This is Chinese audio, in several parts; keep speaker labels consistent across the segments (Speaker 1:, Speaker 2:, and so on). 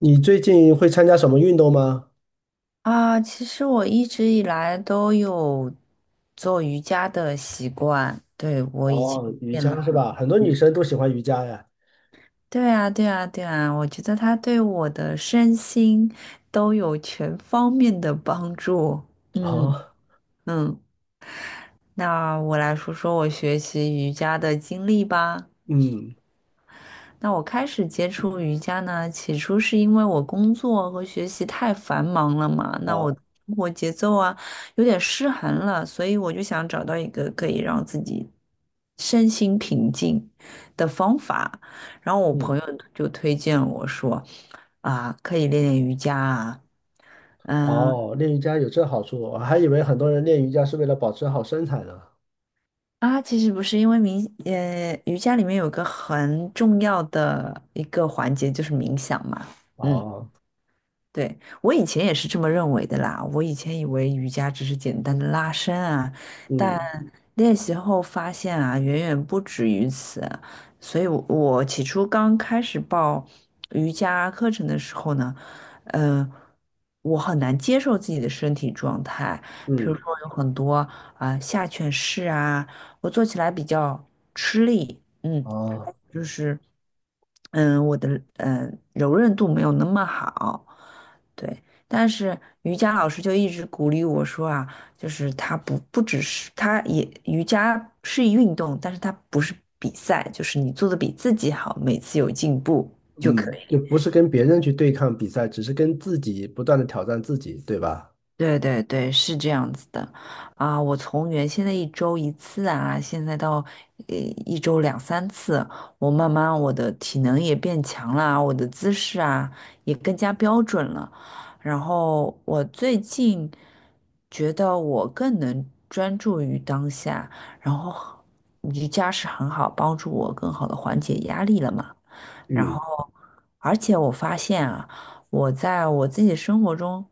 Speaker 1: 你最近会参加什么运动吗？
Speaker 2: 啊，其实我一直以来都有做瑜伽的习惯，对，我已经
Speaker 1: 哦，瑜
Speaker 2: 练了
Speaker 1: 伽是
Speaker 2: 很多
Speaker 1: 吧？很多女
Speaker 2: 年。
Speaker 1: 生都喜欢瑜伽呀。
Speaker 2: 对啊，对啊，对啊，我觉得它对我的身心都有全方面的帮助。嗯
Speaker 1: 哦，
Speaker 2: 嗯，那我来说说我学习瑜伽的经历吧。
Speaker 1: 嗯，
Speaker 2: 那我开始接触瑜伽呢，起初是因为我工作和学习太繁忙了嘛，那我
Speaker 1: 哦，
Speaker 2: 生活节奏啊有点失衡了，所以我就想找到一个可以让自己身心平静的方法。然后我朋
Speaker 1: 嗯，
Speaker 2: 友就推荐我说，啊，可以练练瑜伽啊。嗯
Speaker 1: 哦，练瑜伽有这好处，我还以为很多人练瑜伽是为了保持好身材呢。
Speaker 2: 其实不是，因为瑜伽里面有个很重要的一个环节就是冥想嘛，嗯，
Speaker 1: 哦，
Speaker 2: 对，我以前也是这么认为的啦。我以前以为瑜伽只是简单的拉伸啊，但
Speaker 1: 嗯
Speaker 2: 练习后发现啊，远远不止于此。所以我起初刚开始报瑜伽课程的时候呢，呃，我很难接受自己的身体状态，比如说
Speaker 1: 嗯，
Speaker 2: 有很多啊、下犬式啊，我做起来比较吃力。嗯，
Speaker 1: 哦，
Speaker 2: 就是，我的柔韧度没有那么好，对。但是瑜伽老师就一直鼓励我说啊，就是它不只是它也瑜伽是一运动，但是它不是比赛，就是你做的比自己好，每次有进步。就可
Speaker 1: 嗯，
Speaker 2: 以。
Speaker 1: 就不是跟别人去对抗比赛，只是跟自己不断的挑战自己，对吧？
Speaker 2: 对对对，是这样子的，啊，我从原先的一周一次啊，现在到呃一周两三次，我慢慢我的体能也变强了啊，我的姿势啊也更加标准了，然后我最近觉得我更能专注于当下，然后瑜伽是很好帮助我更好的缓解压力了嘛。然后，
Speaker 1: 嗯，
Speaker 2: 而且我发现啊，我在我自己生活中，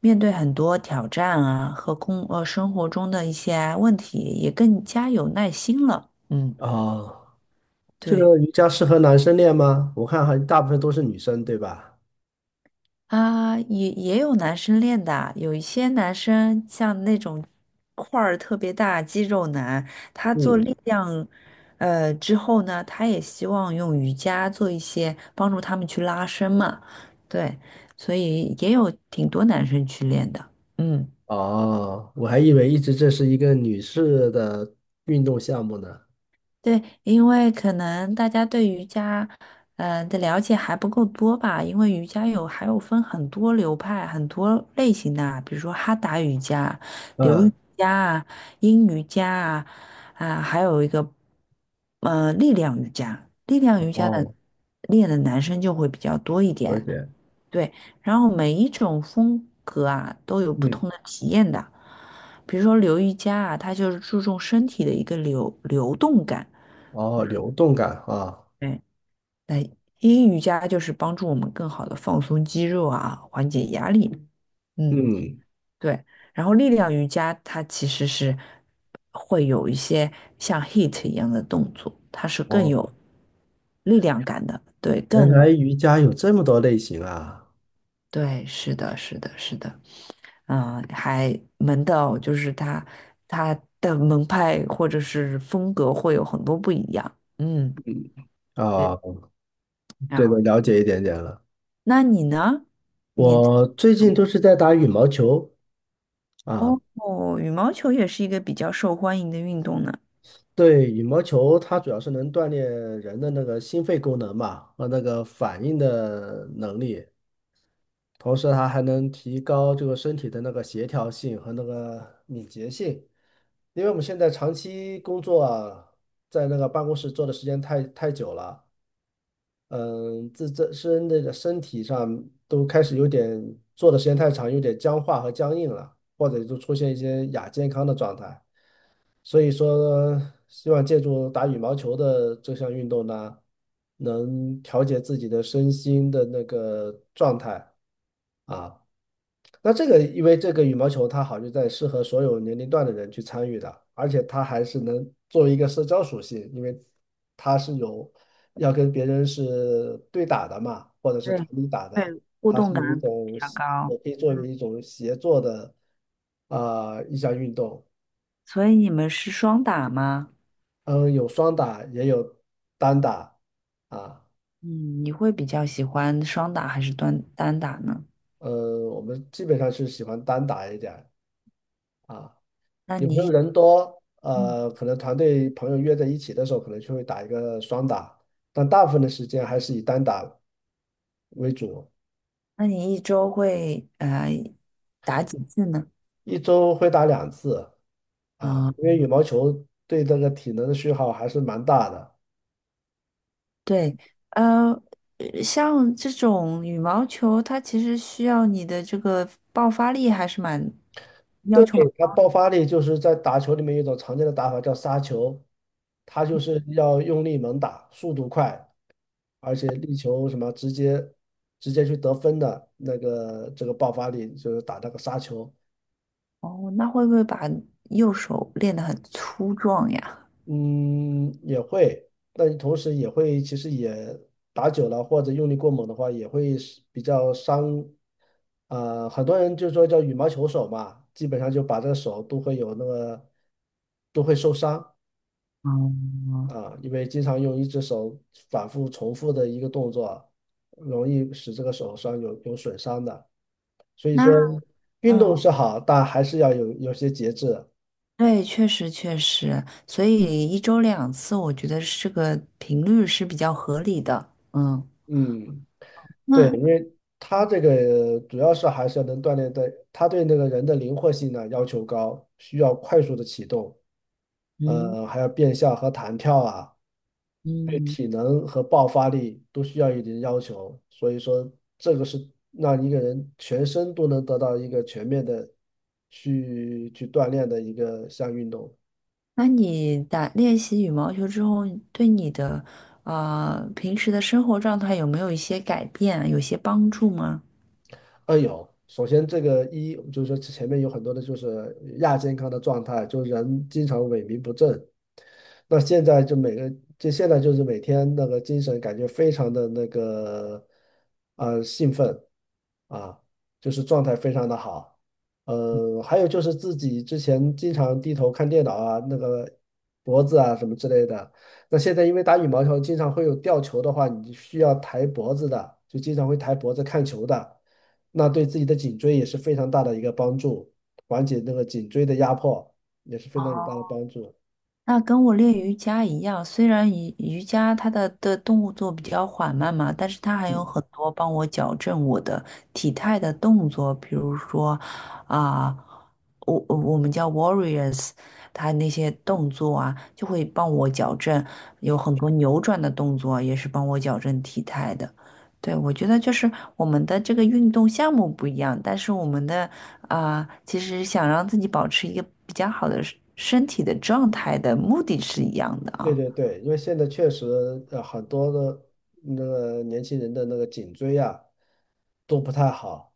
Speaker 2: 面对很多挑战啊和生活中的一些问题，也更加有耐心了。嗯，
Speaker 1: 哦，这
Speaker 2: 对。
Speaker 1: 个瑜伽适合男生练吗？我看还大部分都是女生，对吧？
Speaker 2: 啊，也有男生练的啊有一些男生像那种块儿特别大肌肉男，他做
Speaker 1: 嗯，
Speaker 2: 力量，之后呢，他也希望用瑜伽做一些帮助他们去拉伸嘛，对，所以也有挺多男生去练的，嗯。
Speaker 1: 哦，我还以为一直这是一个女士的运动项目呢。
Speaker 2: 对，因为可能大家对瑜伽，的了解还不够多吧，因为瑜伽还有分很多流派、很多类型的啊比如说哈达瑜伽、流瑜
Speaker 1: 嗯，
Speaker 2: 伽啊、阴瑜伽啊，啊，还有一个力量瑜伽，力量瑜伽的
Speaker 1: 哦，
Speaker 2: 练的男生就会比较多一
Speaker 1: 有
Speaker 2: 点，
Speaker 1: 点，
Speaker 2: 对，然后每一种风格啊都有不
Speaker 1: 嗯，
Speaker 2: 同的体验的，比如说流瑜伽啊，它就是注重身体的一个流动感。
Speaker 1: 哦，流动感啊，
Speaker 2: 对，那阴瑜伽就是帮助我们更好的放松肌肉啊，缓解压力。嗯，
Speaker 1: 嗯，
Speaker 2: 对。然后力量瑜伽它其实是会有一些像 HIIT 一样的动作，它是更
Speaker 1: 哦，
Speaker 2: 有力量感的。
Speaker 1: 原来瑜伽有这么多类型啊，
Speaker 2: 对，是的，是的，是的。嗯，还门道就是它的门派或者是风格会有很多不一样。嗯，
Speaker 1: 嗯，
Speaker 2: 对。
Speaker 1: 啊，
Speaker 2: 然
Speaker 1: 这个
Speaker 2: 后，
Speaker 1: 了解一点点了。
Speaker 2: 那你呢？你？
Speaker 1: 我最近都是在打羽毛球啊。
Speaker 2: 哦，哦羽毛球也是一个比较受欢迎的运动呢。
Speaker 1: 对，羽毛球它主要是能锻炼人的那个心肺功能嘛，和那个反应的能力。同时它还能提高这个身体的那个协调性和那个敏捷性，因为我们现在长期工作啊，在那个办公室坐的时间太久了，嗯，自身身体上都开始有点坐的时间太长，有点僵化和僵硬了，或者就出现一些亚健康的状态。所以说，希望借助打羽毛球的这项运动呢，能调节自己的身心的那个状态啊。那这个，因为这个羽毛球它好就在适合所有年龄段的人去参与的，而且它还是能作为一个社交属性，因为它是有要跟别人是对打的嘛，或者是团
Speaker 2: 对，
Speaker 1: 体打的，
Speaker 2: 对，互
Speaker 1: 它
Speaker 2: 动
Speaker 1: 是有一
Speaker 2: 感比
Speaker 1: 种
Speaker 2: 较
Speaker 1: 也
Speaker 2: 高。
Speaker 1: 可以作为
Speaker 2: 嗯
Speaker 1: 一种协作的啊、一项运动。
Speaker 2: 所以你们是双打吗？
Speaker 1: 嗯，有双打，也有单打啊。
Speaker 2: 嗯，你会比较喜欢双打还是单打呢？
Speaker 1: 我们基本上是喜欢单打一点儿啊。
Speaker 2: 那
Speaker 1: 有时
Speaker 2: 你
Speaker 1: 候
Speaker 2: 一
Speaker 1: 人多，
Speaker 2: 嗯，
Speaker 1: 可能团队朋友约在一起的时候，可能就会打一个双打，但大部分的时间还是以单打为主，
Speaker 2: 那你一周会打几次呢？
Speaker 1: 一周会打两次啊，
Speaker 2: 啊、
Speaker 1: 因为羽毛球对这个体能的消耗还是蛮大的。
Speaker 2: 对，呃，像这种羽毛球，它其实需要你的这个爆发力还是蛮
Speaker 1: 对，
Speaker 2: 要求蛮。
Speaker 1: 它爆发力就是在打球里面有一种常见的打法叫杀球，它就是要用力猛打，速度快，而且力求什么直接去得分的那个这个爆发力，就是打那个杀球。
Speaker 2: 哦，那会不会把右手练得很粗壮呀？
Speaker 1: 嗯，也会，但同时也会，其实也打久了或者用力过猛的话，也会是比较伤。很多人就说叫羽毛球手嘛，基本上就把这个手都会有那个都会受伤
Speaker 2: 嗯，
Speaker 1: 啊，因为经常用一只手反复重复的一个动作，容易使这个手上有损伤的。所以
Speaker 2: 那
Speaker 1: 说，哦运
Speaker 2: 嗯，
Speaker 1: 动是好，但还是要有些节制。
Speaker 2: 对，确实确实，所以一周两次，我觉得是个频率是比较合理的。嗯，
Speaker 1: 嗯。对。
Speaker 2: 那
Speaker 1: 它这个主要是还是要能锻炼的，它对那个人的灵活性呢要求高，需要快速的启动，
Speaker 2: 嗯
Speaker 1: 还有变向和弹跳啊，对
Speaker 2: 嗯，
Speaker 1: 体能和爆发力都需要一定要求。所以说，这个是让一个人全身都能得到一个全面的去锻炼的一个项运动。
Speaker 2: 那你练习羽毛球之后，对你的平时的生活状态有没有一些改变啊有些帮助吗？
Speaker 1: 有。首先，这个一就是说前面有很多的就是亚健康的状态，就人经常萎靡不振。那现在就每个就现在就是每天那个精神感觉非常的那个兴奋啊，就是状态非常的好。还有就是自己之前经常低头看电脑啊，那个脖子啊什么之类的。那现在因为打羽毛球经常会有吊球的话，你需要抬脖子的，就经常会抬脖子看球的。那对自己的颈椎也是非常大的一个帮助，缓解那个颈椎的压迫也是非常有大的
Speaker 2: 哦。
Speaker 1: 帮助。
Speaker 2: 那跟我练瑜伽一样，虽然瑜伽它的动作比较缓慢嘛，但是它还有
Speaker 1: 嗯，
Speaker 2: 很多帮我矫正我的体态的动作，比如说啊、我们叫 warriors，它那些动作啊，就会帮我矫正，有很多扭转的动作也是帮我矫正体态的。对，我觉得就是我们的这个运动项目不一样，但是我们的啊，其实想让自己保持一个比较好的身体的状态的目的是一样的
Speaker 1: 对
Speaker 2: 啊。
Speaker 1: 对对，因为现在确实很多的那个年轻人的那个颈椎啊都不太好。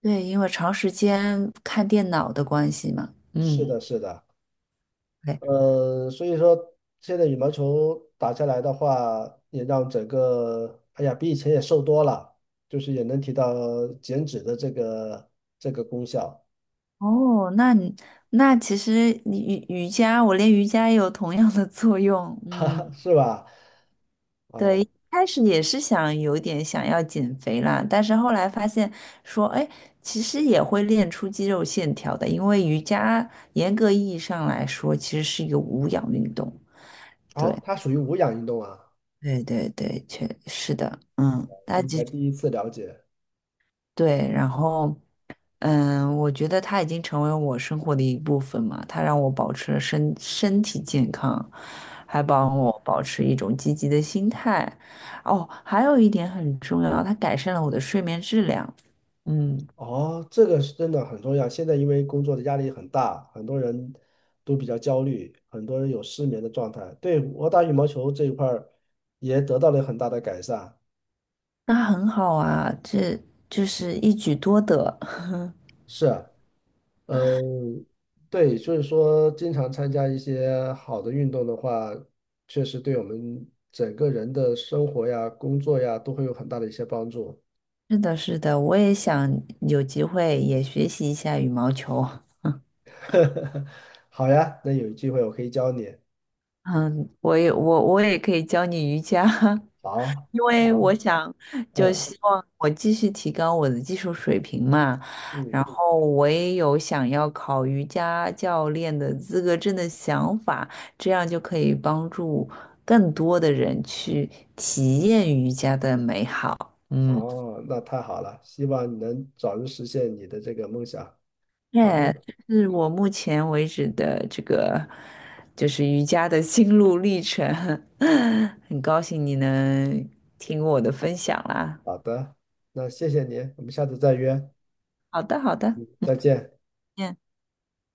Speaker 2: 对，因为长时间看电脑的关系嘛。
Speaker 1: 是
Speaker 2: 嗯，
Speaker 1: 的，是的，
Speaker 2: 对。
Speaker 1: 所以说现在羽毛球打下来的话，也让整个哎呀比以前也瘦多了，就是也能提到减脂的这个这个功效，
Speaker 2: 哦，那其实你瑜伽，我练瑜伽也有同样的作用。嗯，
Speaker 1: 是吧？
Speaker 2: 对，
Speaker 1: 啊、
Speaker 2: 一开始也是想有点想要减肥啦，但是后来发现说，哎，其实也会练出肌肉线条的，因为瑜伽严格意义上来说，其实是一个无氧运动。对。
Speaker 1: 好，它属于无氧运动啊。
Speaker 2: 对对对，确是的，嗯，他
Speaker 1: 今
Speaker 2: 其实
Speaker 1: 天第一次了解，
Speaker 2: 对，然后嗯，我觉得他已经成为我生活的一部分嘛，他让我保持了身体健康，还帮我保持一种积极的心态。哦，还有一点很重要，它改善了我的睡眠质量。嗯，
Speaker 1: 哦，这个是真的很重要。现在因为工作的压力很大，很多人都比较焦虑，很多人有失眠的状态。对，我打羽毛球这一块儿也得到了很大的改善。
Speaker 2: 那很好啊，这就是一举多得。
Speaker 1: 是啊，嗯，对，所以说经常参加一些好的运动的话，确实对我们整个人的生活呀、工作呀都会有很大的一些帮助。
Speaker 2: 是的，是的，我也想有机会也学习一下羽毛球。
Speaker 1: 好呀，那有机会我可以教你。
Speaker 2: 嗯，我也可以教你瑜伽，
Speaker 1: 好，
Speaker 2: 因为
Speaker 1: 好，
Speaker 2: 我想就
Speaker 1: 嗯
Speaker 2: 希望我继续提高我的技术水平嘛，然
Speaker 1: 嗯。
Speaker 2: 后我也有想要考瑜伽教练的资格证的想法，这样就可以帮助更多的人去体验瑜伽的美好。嗯。
Speaker 1: 哦，那太好了，希望你能早日实现你的这个梦想。好的，
Speaker 2: 耶，是我目前为止的这个就是瑜伽的心路历程，很高兴你能听我的分享啦。
Speaker 1: 好的，那谢谢你，我们下次再约，
Speaker 2: 好的，好的，
Speaker 1: 再见。
Speaker 2: 嗯。